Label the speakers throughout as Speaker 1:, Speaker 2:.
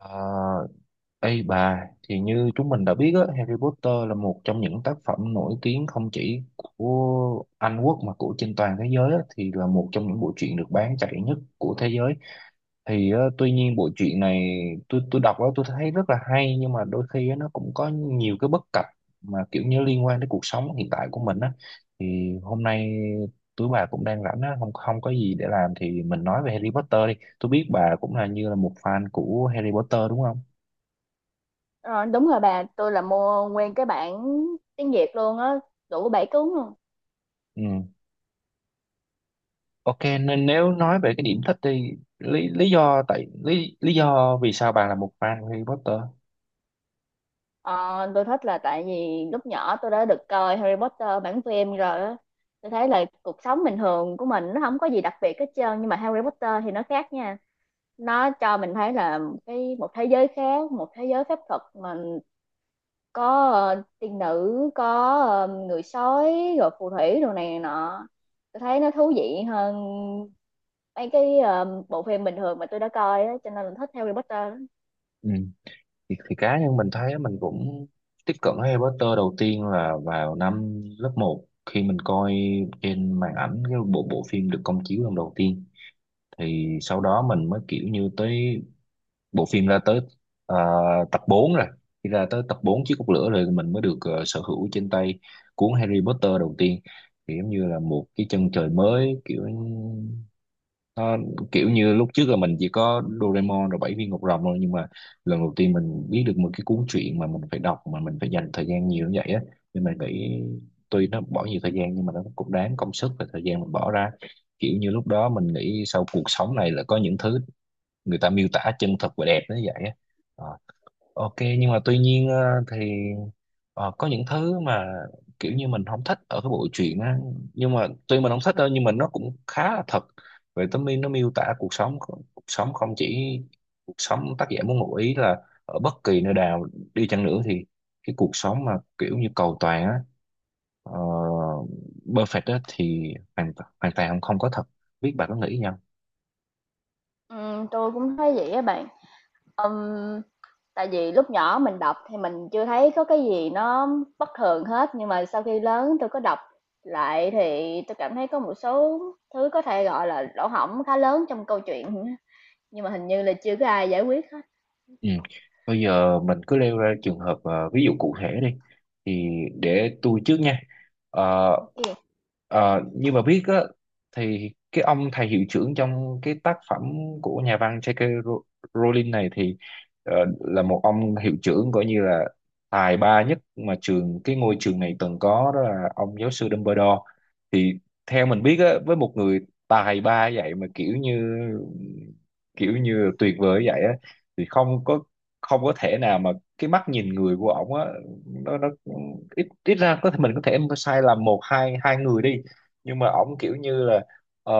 Speaker 1: À, ê bà, thì như chúng mình đã biết á, Harry Potter là một trong những tác phẩm nổi tiếng không chỉ của Anh Quốc mà của trên toàn thế giới á, thì là một trong những bộ truyện được bán chạy nhất của thế giới. Thì tuy nhiên bộ truyện này tôi đọc á tôi thấy rất là hay nhưng mà đôi khi á, nó cũng có nhiều cái bất cập mà kiểu như liên quan đến cuộc sống hiện tại của mình á. Thì hôm nay tụi bà cũng đang rảnh á, không không có gì để làm thì mình nói về Harry Potter đi. Tôi biết bà cũng là như là một fan của Harry Potter đúng không?
Speaker 2: Ờ, Đúng rồi bà, tôi là mua nguyên cái bản tiếng Việt luôn á, đủ bảy cuốn luôn.
Speaker 1: Ừ. Ok, nên nếu nói về cái điểm thích đi, lý lý do tại lý lý do vì sao bạn là một fan của Harry Potter.
Speaker 2: Ờ, tôi thích là tại vì lúc nhỏ tôi đã được coi Harry Potter bản phim rồi á. Tôi thấy là cuộc sống bình thường của mình nó không có gì đặc biệt hết trơn, nhưng mà Harry Potter thì nó khác nha. Nó cho mình thấy là cái một thế giới khác, một thế giới phép thuật mà có tiên nữ, có người sói rồi phù thủy đồ này nọ, tôi thấy nó thú vị hơn mấy cái bộ phim bình thường mà tôi đã coi á, cho nên là thích Harry Potter lắm.
Speaker 1: Ừ, thì cá nhân mình thấy mình cũng tiếp cận Harry Potter đầu tiên là vào năm lớp một khi mình coi trên màn ảnh cái bộ bộ phim được công chiếu lần đầu tiên, thì sau đó mình mới kiểu như tới bộ phim ra tới ờ, tập 4 rồi. Khi ra tới tập 4 chiếc cốc lửa rồi mình mới được sở hữu trên tay cuốn Harry Potter đầu tiên, thì giống như là một cái chân trời mới, kiểu nó kiểu như lúc trước là mình chỉ có Doraemon rồi bảy viên ngọc rồng thôi, nhưng mà lần đầu tiên mình biết được một cái cuốn truyện mà mình phải đọc mà mình phải dành thời gian nhiều như vậy á, nên mình nghĩ tuy nó bỏ nhiều thời gian nhưng mà nó cũng đáng công sức và thời gian mình bỏ ra. Kiểu như lúc đó mình nghĩ sau cuộc sống này là có những thứ người ta miêu tả chân thật và đẹp nó như vậy á. Ờ, ok, nhưng mà tuy nhiên thì có những thứ mà kiểu như mình không thích ở cái bộ truyện á, nhưng mà tuy mình không thích đâu nhưng mà nó cũng khá là thật. Về tấm nó miêu tả cuộc sống, cuộc sống không chỉ cuộc sống tác giả muốn ngụ ý là ở bất kỳ nơi nào đi chăng nữa thì cái cuộc sống mà kiểu như cầu toàn á, uh, perfect á thì hoàn hoàn toàn không có thật. Biết bà có nghĩ gì.
Speaker 2: Tôi cũng thấy vậy á bạn. Ừm, Tại vì lúc nhỏ mình đọc thì mình chưa thấy có cái gì nó bất thường hết, nhưng mà sau khi lớn tôi có đọc lại thì tôi cảm thấy có một số thứ có thể gọi là lỗ hổng khá lớn trong câu chuyện, nhưng mà hình như là chưa có ai giải quyết hết.
Speaker 1: Ừ. Bây giờ mình cứ nêu ra trường hợp ví dụ cụ thể đi, thì để tôi trước nha. Ờ,
Speaker 2: Ok.
Speaker 1: như mà biết á, thì cái ông thầy hiệu trưởng trong cái tác phẩm của nhà văn J.K. Row- Rowling này thì ờ, là một ông hiệu trưởng coi như là tài ba nhất mà trường cái ngôi trường này từng có, đó là ông giáo sư Dumbledore. Thì theo mình biết á, với một người tài ba vậy mà kiểu như, kiểu như tuyệt vời vậy á, thì không có, không có thể nào mà cái mắt nhìn người của ổng á, nó ít ít ra có thể mình có thể sai lầm một hai hai người đi, nhưng mà ổng kiểu như là ờ,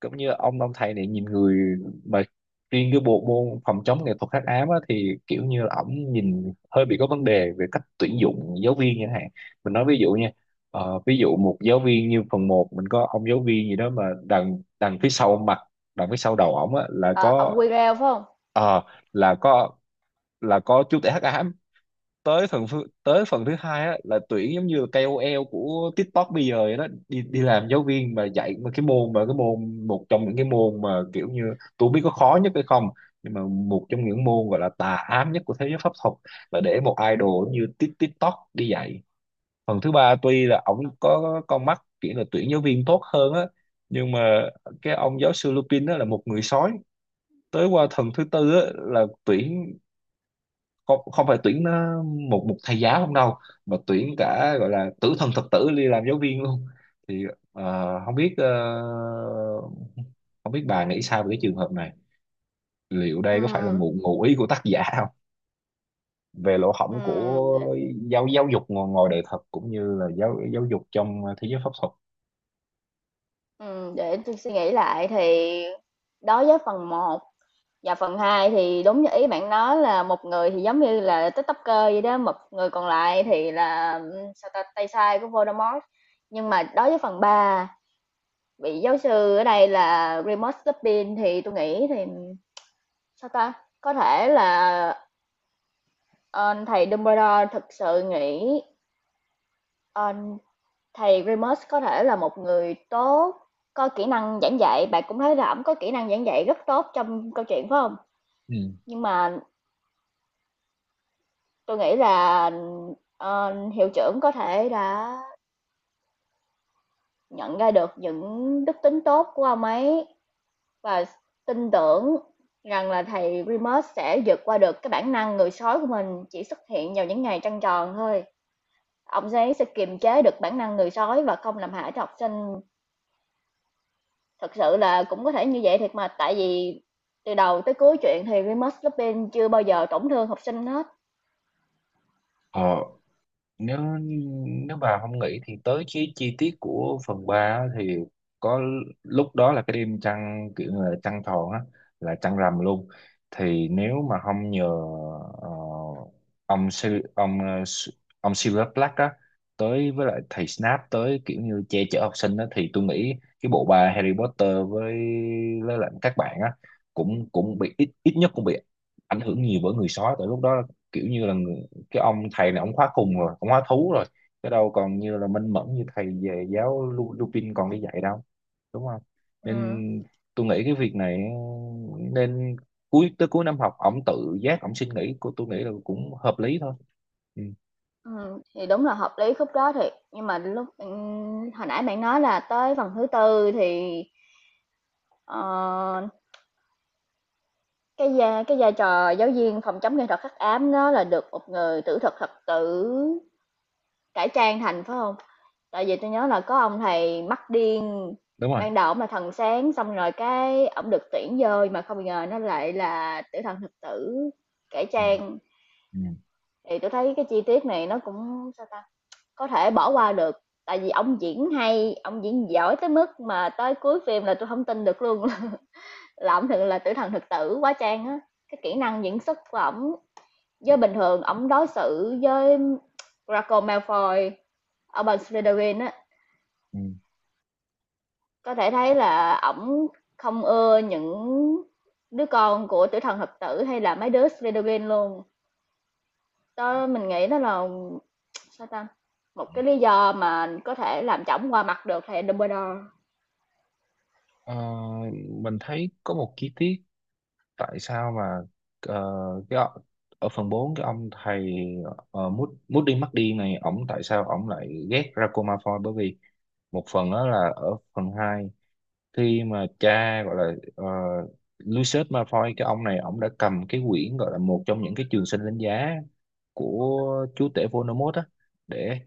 Speaker 1: cũng như ông thầy này nhìn người mà riêng cái bộ môn phòng chống nghệ thuật hắc ám á, thì kiểu như là ổng nhìn hơi bị có vấn đề về cách tuyển dụng giáo viên chẳng hạn. Mình nói ví dụ nha, ví dụ một giáo viên như phần một mình có ông giáo viên gì đó mà đằng đằng phía sau mặt, đằng phía sau đầu ổng á là
Speaker 2: Ờ,
Speaker 1: có
Speaker 2: ông Quirrell phải không?
Speaker 1: ờ là có, là có chú tể hắc ám. Tới tới phần thứ hai á là tuyển giống như KOL của TikTok bây giờ vậy đó, đi đi làm giáo viên mà dạy mà cái môn một trong những cái môn mà kiểu như tôi không biết có khó nhất hay không, nhưng mà một trong những môn gọi là tà ám nhất của thế giới pháp thuật là để một idol như TikTok đi dạy. Phần thứ ba tuy là ổng có con mắt kiểu là tuyển giáo viên tốt hơn á, nhưng mà cái ông giáo sư Lupin đó là một người sói. Tới qua thần thứ tư á, là tuyển, không không phải tuyển nó một một thầy giáo không đâu, mà tuyển cả gọi là tử thần thực tử đi làm giáo viên luôn. Thì không biết không biết bà nghĩ sao về cái trường hợp này, liệu đây có phải là
Speaker 2: Ừm,
Speaker 1: ngụ ngụ ý của tác giả không, về lỗ hổng
Speaker 2: ừm,
Speaker 1: của
Speaker 2: để,
Speaker 1: giáo giáo dục ngoài, ngoài đời thật cũng như là giáo giáo dục trong thế giới pháp thuật.
Speaker 2: để tui suy nghĩ lại thì đối với phần một và phần 2 thì đúng như ý bạn nói, là một người thì giống như là TikToker vậy đó, một người còn lại thì là, sao ta, tay sai của Voldemort. Nhưng mà đối với phần ba, vị giáo sư ở đây là Remus Lupin thì tôi nghĩ thì, sao ta, có thể là, ờ, thầy Dumbledore thực sự nghĩ ờ, Thầy Remus có thể là một người tốt, có kỹ năng giảng dạy, bạn cũng thấy là ổng có kỹ năng giảng dạy rất tốt trong câu chuyện phải không?
Speaker 1: Ừ.
Speaker 2: Nhưng mà tôi nghĩ là, hiệu trưởng có thể đã nhận ra được những đức tính tốt của ông ấy và tin tưởng rằng là thầy Remus sẽ vượt qua được cái bản năng người sói của mình chỉ xuất hiện vào những ngày trăng tròn thôi. Ông ấy sẽ kiềm chế được bản năng người sói và không làm hại cho học sinh. Thực sự là cũng có thể như vậy thiệt mà, tại vì từ đầu tới cuối chuyện thì Remus Lupin chưa bao giờ tổn thương học sinh hết.
Speaker 1: Ờ, nếu, nếu bà không nghĩ thì tới chi chi tiết của phần 3 thì có, lúc đó là cái đêm trăng kiểu như là trăng tròn á, là trăng rằm luôn. Thì nếu mà không nhờ ờ, ông Si- ông ông Silver Black á tới với lại thầy Snape tới kiểu như che chở học sinh á, thì tôi nghĩ cái bộ ba Harry Potter với lại các bạn á cũng, cũng bị, ít ít nhất cũng bị ảnh hưởng nhiều bởi người sói. Tại lúc đó kiểu như là cái ông thầy này ông khóa khùng rồi ông khóa thú rồi, cái đâu còn như là minh mẫn như thầy về giáo Lupin còn đi dạy đâu, đúng không.
Speaker 2: Ừm.
Speaker 1: Nên tôi nghĩ cái việc này nên cuối, tới cuối năm học ổng tự giác ổng xin nghỉ cô, tôi nghĩ là cũng hợp lý thôi. Ừ,
Speaker 2: Thì đúng là hợp lý khúc đó thiệt, nhưng mà lúc hồi nãy bạn nói là tới phần thứ tư thì, ờ, cái vai trò giáo viên phòng chống nghệ thuật hắc ám đó là được một người tử thực thật tử cải trang thành, phải không? Tại vì tôi nhớ là có ông thầy mắt điên,
Speaker 1: đúng rồi.
Speaker 2: ban đầu ổng là thần sáng, xong rồi cái ổng được tuyển vô mà không ngờ nó lại là tử thần thực tử cải
Speaker 1: Ừ,
Speaker 2: trang.
Speaker 1: ừ,
Speaker 2: Thì tôi thấy cái chi tiết này nó cũng, sao ta, có thể bỏ qua được, tại vì ổng diễn hay, ổng diễn giỏi tới mức mà tới cuối phim là tôi không tin được luôn là ổng thực là tử thần thực tử quá trang á. Cái kỹ năng diễn xuất của ổng, với bình thường ổng đối xử với Draco Malfoy, Albus Slytherin á.
Speaker 1: ừ.
Speaker 2: Có thể thấy là ổng không ưa những đứa con của Tử Thần Hợp Tử hay là mấy đứa Shredder luôn. Đó mình nghĩ đó là, sao ta? Một cái lý do mà có thể làm cho ổng qua mặt được thầy Dumbledore.
Speaker 1: Ờ, mình thấy có một chi tiết tại sao mà ờ, cái ọ- ở phần 4 cái ông thầy Moody Moody McD này, ổng tại sao ổng lại ghét Draco Malfoy? Bởi vì một phần đó là ở phần 2 khi mà cha gọi là Lucius Malfoy, cái ông này ông đã cầm cái quyển gọi là một trong những cái trường sinh đánh giá của chúa tể Voldemort á, để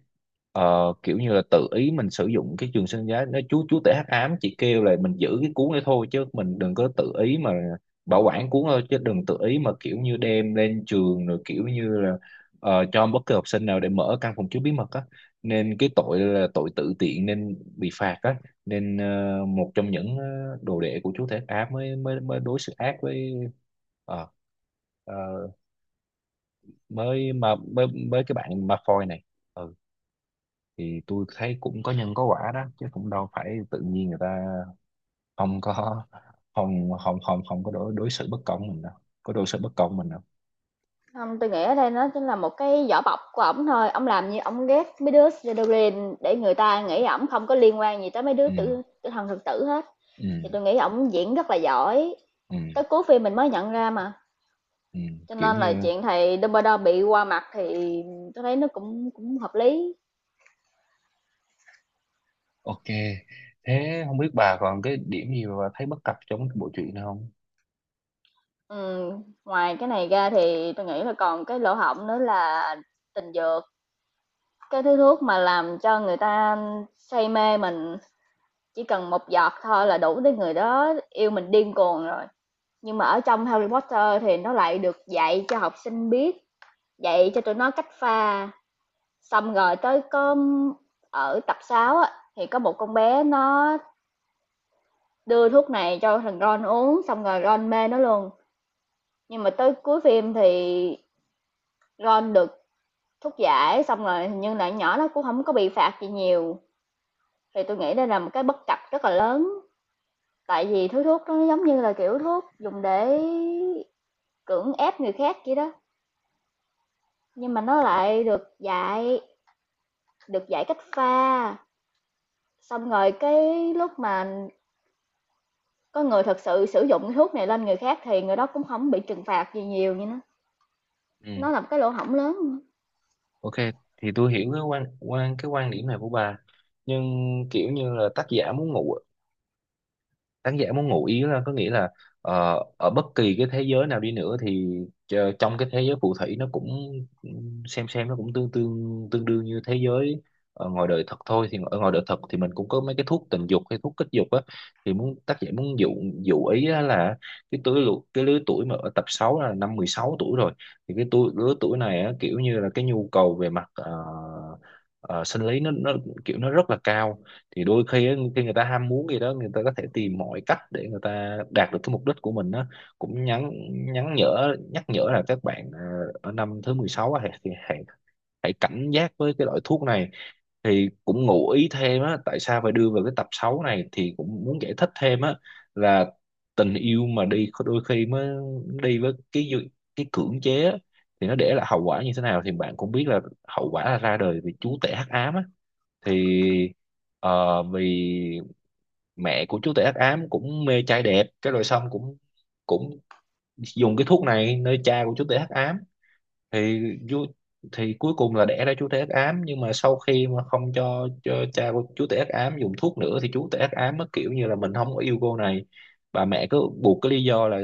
Speaker 1: kiểu như là tự ý mình sử dụng cái trường sinh giá. Nó chú tể hắc ám chỉ kêu là mình giữ cái cuốn đấy thôi chứ mình đừng có tự ý mà bảo quản cuốn thôi, chứ đừng tự ý mà kiểu như đem lên trường rồi kiểu như là cho bất kỳ học sinh nào để mở căn phòng chứa bí mật á, nên cái tội là tội tự tiện nên bị phạt á. Nên một trong những đồ đệ của chúa Thể Á mới mới mới đối xử ác với ờ, ờ, mới mà mới mới cái bạn Malfoy này. Ừ, thì tôi thấy cũng có nhân có quả đó chứ, cũng đâu phải tự nhiên người ta không có, không không có đối đối xử bất công mình đâu, có đối xử bất công mình đâu.
Speaker 2: Không, tôi nghĩ ở đây nó chính là một cái vỏ bọc của ổng thôi. Ổng làm như ổng ghét mấy đứa Slytherin để người ta nghĩ ổng không có liên quan gì tới mấy đứa
Speaker 1: Ừ,
Speaker 2: tử thần thực tử hết.
Speaker 1: ừ,
Speaker 2: Thì tôi nghĩ ổng diễn rất là giỏi. Tới
Speaker 1: ừ,
Speaker 2: cuối phim mình mới nhận ra mà.
Speaker 1: ừ,
Speaker 2: Cho
Speaker 1: kiểu
Speaker 2: nên là
Speaker 1: như
Speaker 2: chuyện thầy Dumbledore bị qua mặt thì tôi thấy nó cũng cũng hợp lý.
Speaker 1: ok. Thế không biết bà còn cái điểm gì mà bà thấy bất cập trong cái bộ truyện này không.
Speaker 2: Ngoài cái này ra thì tôi nghĩ là còn cái lỗ hổng nữa là tình dược, cái thứ thuốc mà làm cho người ta say mê mình, chỉ cần một giọt thôi là đủ để người đó yêu mình điên cuồng rồi. Nhưng mà ở trong Harry Potter thì nó lại được dạy cho học sinh biết, dạy cho tụi nó cách pha, xong rồi tới có ở tập 6 á, thì có một con bé nó đưa thuốc này cho thằng Ron uống xong rồi Ron mê nó luôn, nhưng mà tới cuối phim thì Ron được thuốc giải xong rồi nhưng lại nhỏ nó cũng không có bị phạt gì nhiều, thì tôi nghĩ đây là một cái bất cập rất là lớn, tại vì thứ thuốc nó giống như là kiểu thuốc dùng để cưỡng ép người khác vậy đó, nhưng mà nó lại được dạy, cách pha, xong rồi cái lúc mà có người thật sự sử dụng cái thuốc này lên người khác thì người đó cũng không bị trừng phạt gì nhiều như nó
Speaker 1: Ừ.
Speaker 2: nó là một cái lỗ hổng lớn.
Speaker 1: Ok, thì tôi hiểu cái quan quan cái quan điểm này của bà. Nhưng kiểu như là tác giả muốn ngụ, khán giả muốn ngụ ý là có nghĩa là ở bất kỳ cái thế giới nào đi nữa thì trong cái thế giới phù thủy nó cũng xem nó cũng tương tương tương đương như thế giới ở ngoài đời thật thôi. Thì ở ngoài đời thật thì mình cũng có mấy cái thuốc tình dục hay thuốc kích dục á, thì muốn tác giả muốn dụ, ý á là cái lứa tuổi mà ở tập 6 là năm 16 tuổi rồi, thì cái tuổi, lứa tuổi này á, kiểu như là cái nhu cầu về mặt ờ, sinh lý nó kiểu nó rất là cao. Thì đôi khi á, khi người ta ham muốn gì đó người ta có thể tìm mọi cách để người ta đạt được cái mục đích của mình đó, cũng nhắn, nhắn nhở nhắc nhở là các bạn ở năm thứ 16 á, hãy, thì hãy hãy cảnh giác với cái loại thuốc này. Thì cũng ngụ ý thêm á, tại sao phải đưa vào cái tập 6 này thì cũng muốn giải thích thêm á là tình yêu mà đi có đôi khi mới đi với cái cưỡng chế á, thì nó để lại hậu quả như thế nào thì bạn cũng biết là hậu quả là ra đời vì chú tể hắc ám á. Thì vì mẹ của chú tể hắc ám cũng mê trai đẹp, cái rồi xong cũng, cũng dùng cái thuốc này nơi cha của chú tể hắc ám. Thì vua- thì cuối cùng là đẻ ra chú tể hắc ám, nhưng mà sau khi mà không cho, cho cha của chú tể hắc ám dùng thuốc nữa thì chú tể hắc ám nó kiểu như là mình không có yêu cô này. Bà mẹ cứ buộc cái lý do là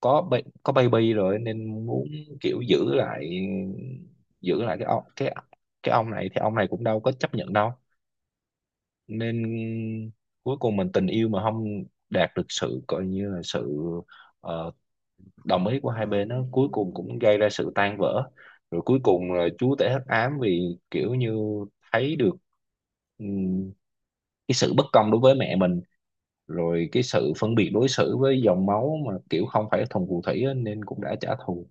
Speaker 1: có có baby rồi nên muốn kiểu giữ lại, giữ lại cái ông này, thì ông này cũng đâu có chấp nhận đâu. Nên cuối cùng mình, tình yêu mà không đạt được sự coi như là sự ờ, đồng ý của hai bên, nó cuối cùng cũng gây ra sự tan vỡ. Rồi cuối cùng là chúa tể hắc ám vì kiểu như thấy được ừm, cái sự bất công đối với mẹ mình, rồi cái sự phân biệt đối xử với dòng máu mà kiểu không phải thuần phù thủy á, nên cũng đã trả thù.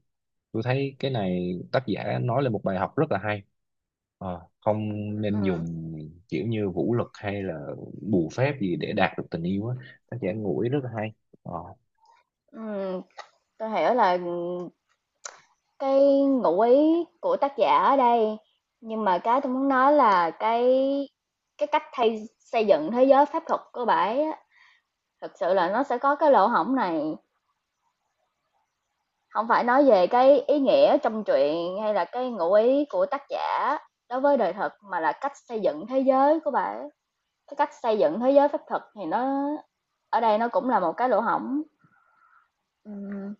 Speaker 1: Tôi thấy cái này tác giả nói lên một bài học rất là hay. Ờ, không nên
Speaker 2: Ừ.
Speaker 1: dùng kiểu như vũ lực hay là bùa phép gì để đạt được tình yêu á, tác giả ngụ ý rất là hay. ờ,
Speaker 2: Ừ. Tôi hiểu là cái ngụ ý của tác giả ở đây, nhưng mà cái tôi muốn nói là cái cách thay xây dựng thế giới pháp thuật của bãi á, thực sự là nó sẽ có cái lỗ hổng này, không phải nói về cái ý nghĩa trong truyện hay là cái ngụ ý của tác giả đối với đời thực mà là cách xây dựng thế giới của bãi. Cái cách xây dựng thế giới pháp thuật thì nó ở đây nó cũng là một cái lỗ hổng. Ừm,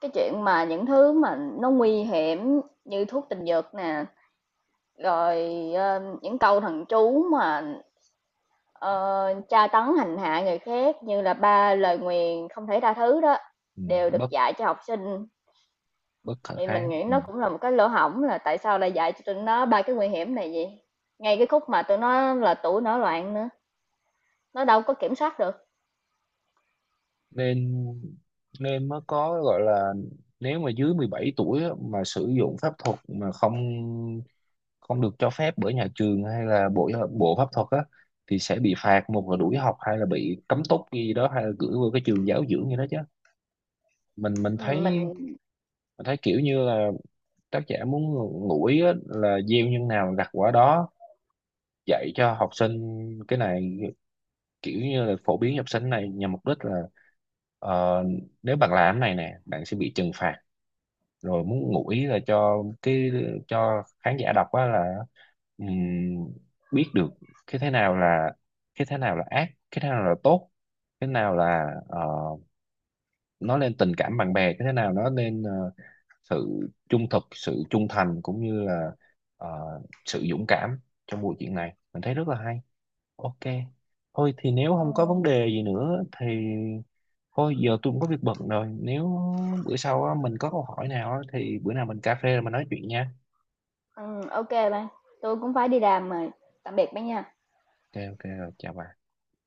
Speaker 2: Cái chuyện mà những thứ mà nó nguy hiểm như thuốc tình dược nè. Rồi, những câu thần chú mà, ờ, tra tấn hành hạ người khác như là ba lời nguyền không thể tha thứ đó,
Speaker 1: ừ,
Speaker 2: đều được
Speaker 1: bất,
Speaker 2: dạy cho học sinh,
Speaker 1: bất khả
Speaker 2: thì mình
Speaker 1: kháng.
Speaker 2: nghĩ
Speaker 1: Ừ.
Speaker 2: nó cũng là một cái lỗ hổng là tại sao lại dạy cho tụi nó ba cái nguy hiểm này vậy? Ngay cái khúc mà tụi nó là tuổi nổi loạn nữa, nó đâu có kiểm soát được.
Speaker 1: Nên, nên mới có gọi là nếu mà dưới 17 tuổi á, mà sử dụng pháp thuật mà không, không được cho phép bởi nhà trường hay là bộ bộ pháp thuật á, thì sẽ bị phạt, một là đuổi học hay là bị cấm túc gì đó, hay là gửi vào cái trường giáo dưỡng gì đó chứ. Mình thấy,
Speaker 2: Mình
Speaker 1: mình thấy kiểu như là tác giả muốn ngủi á, là gieo nhân nào gặt quả đó. Dạy cho học sinh cái này kiểu như là phổ biến học sinh này nhằm mục đích là ờ, nếu bạn làm cái này nè bạn sẽ bị trừng phạt. Rồi muốn ngụ ý là cho cái, cho khán giả đọc á là ừm, biết được cái thế nào là, cái thế nào là ác, cái thế nào là tốt, cái nào là nó lên tình cảm bạn bè như thế nào, nó lên sự trung thực, sự trung thành cũng như là ờ, sự dũng cảm trong bộ chuyện này mình thấy rất là hay. Ok, thôi thì nếu không có vấn
Speaker 2: ừm,
Speaker 1: đề gì nữa thì thôi giờ tôi cũng có việc bận rồi. Nếu bữa sau á, mình có câu hỏi nào á, thì bữa nào mình cà phê rồi mình nói chuyện nha.
Speaker 2: ô bạn, tui cũng phải đi làm rồi. Tạm biệt bạn nha.
Speaker 1: Ok, ok rồi chào bạn.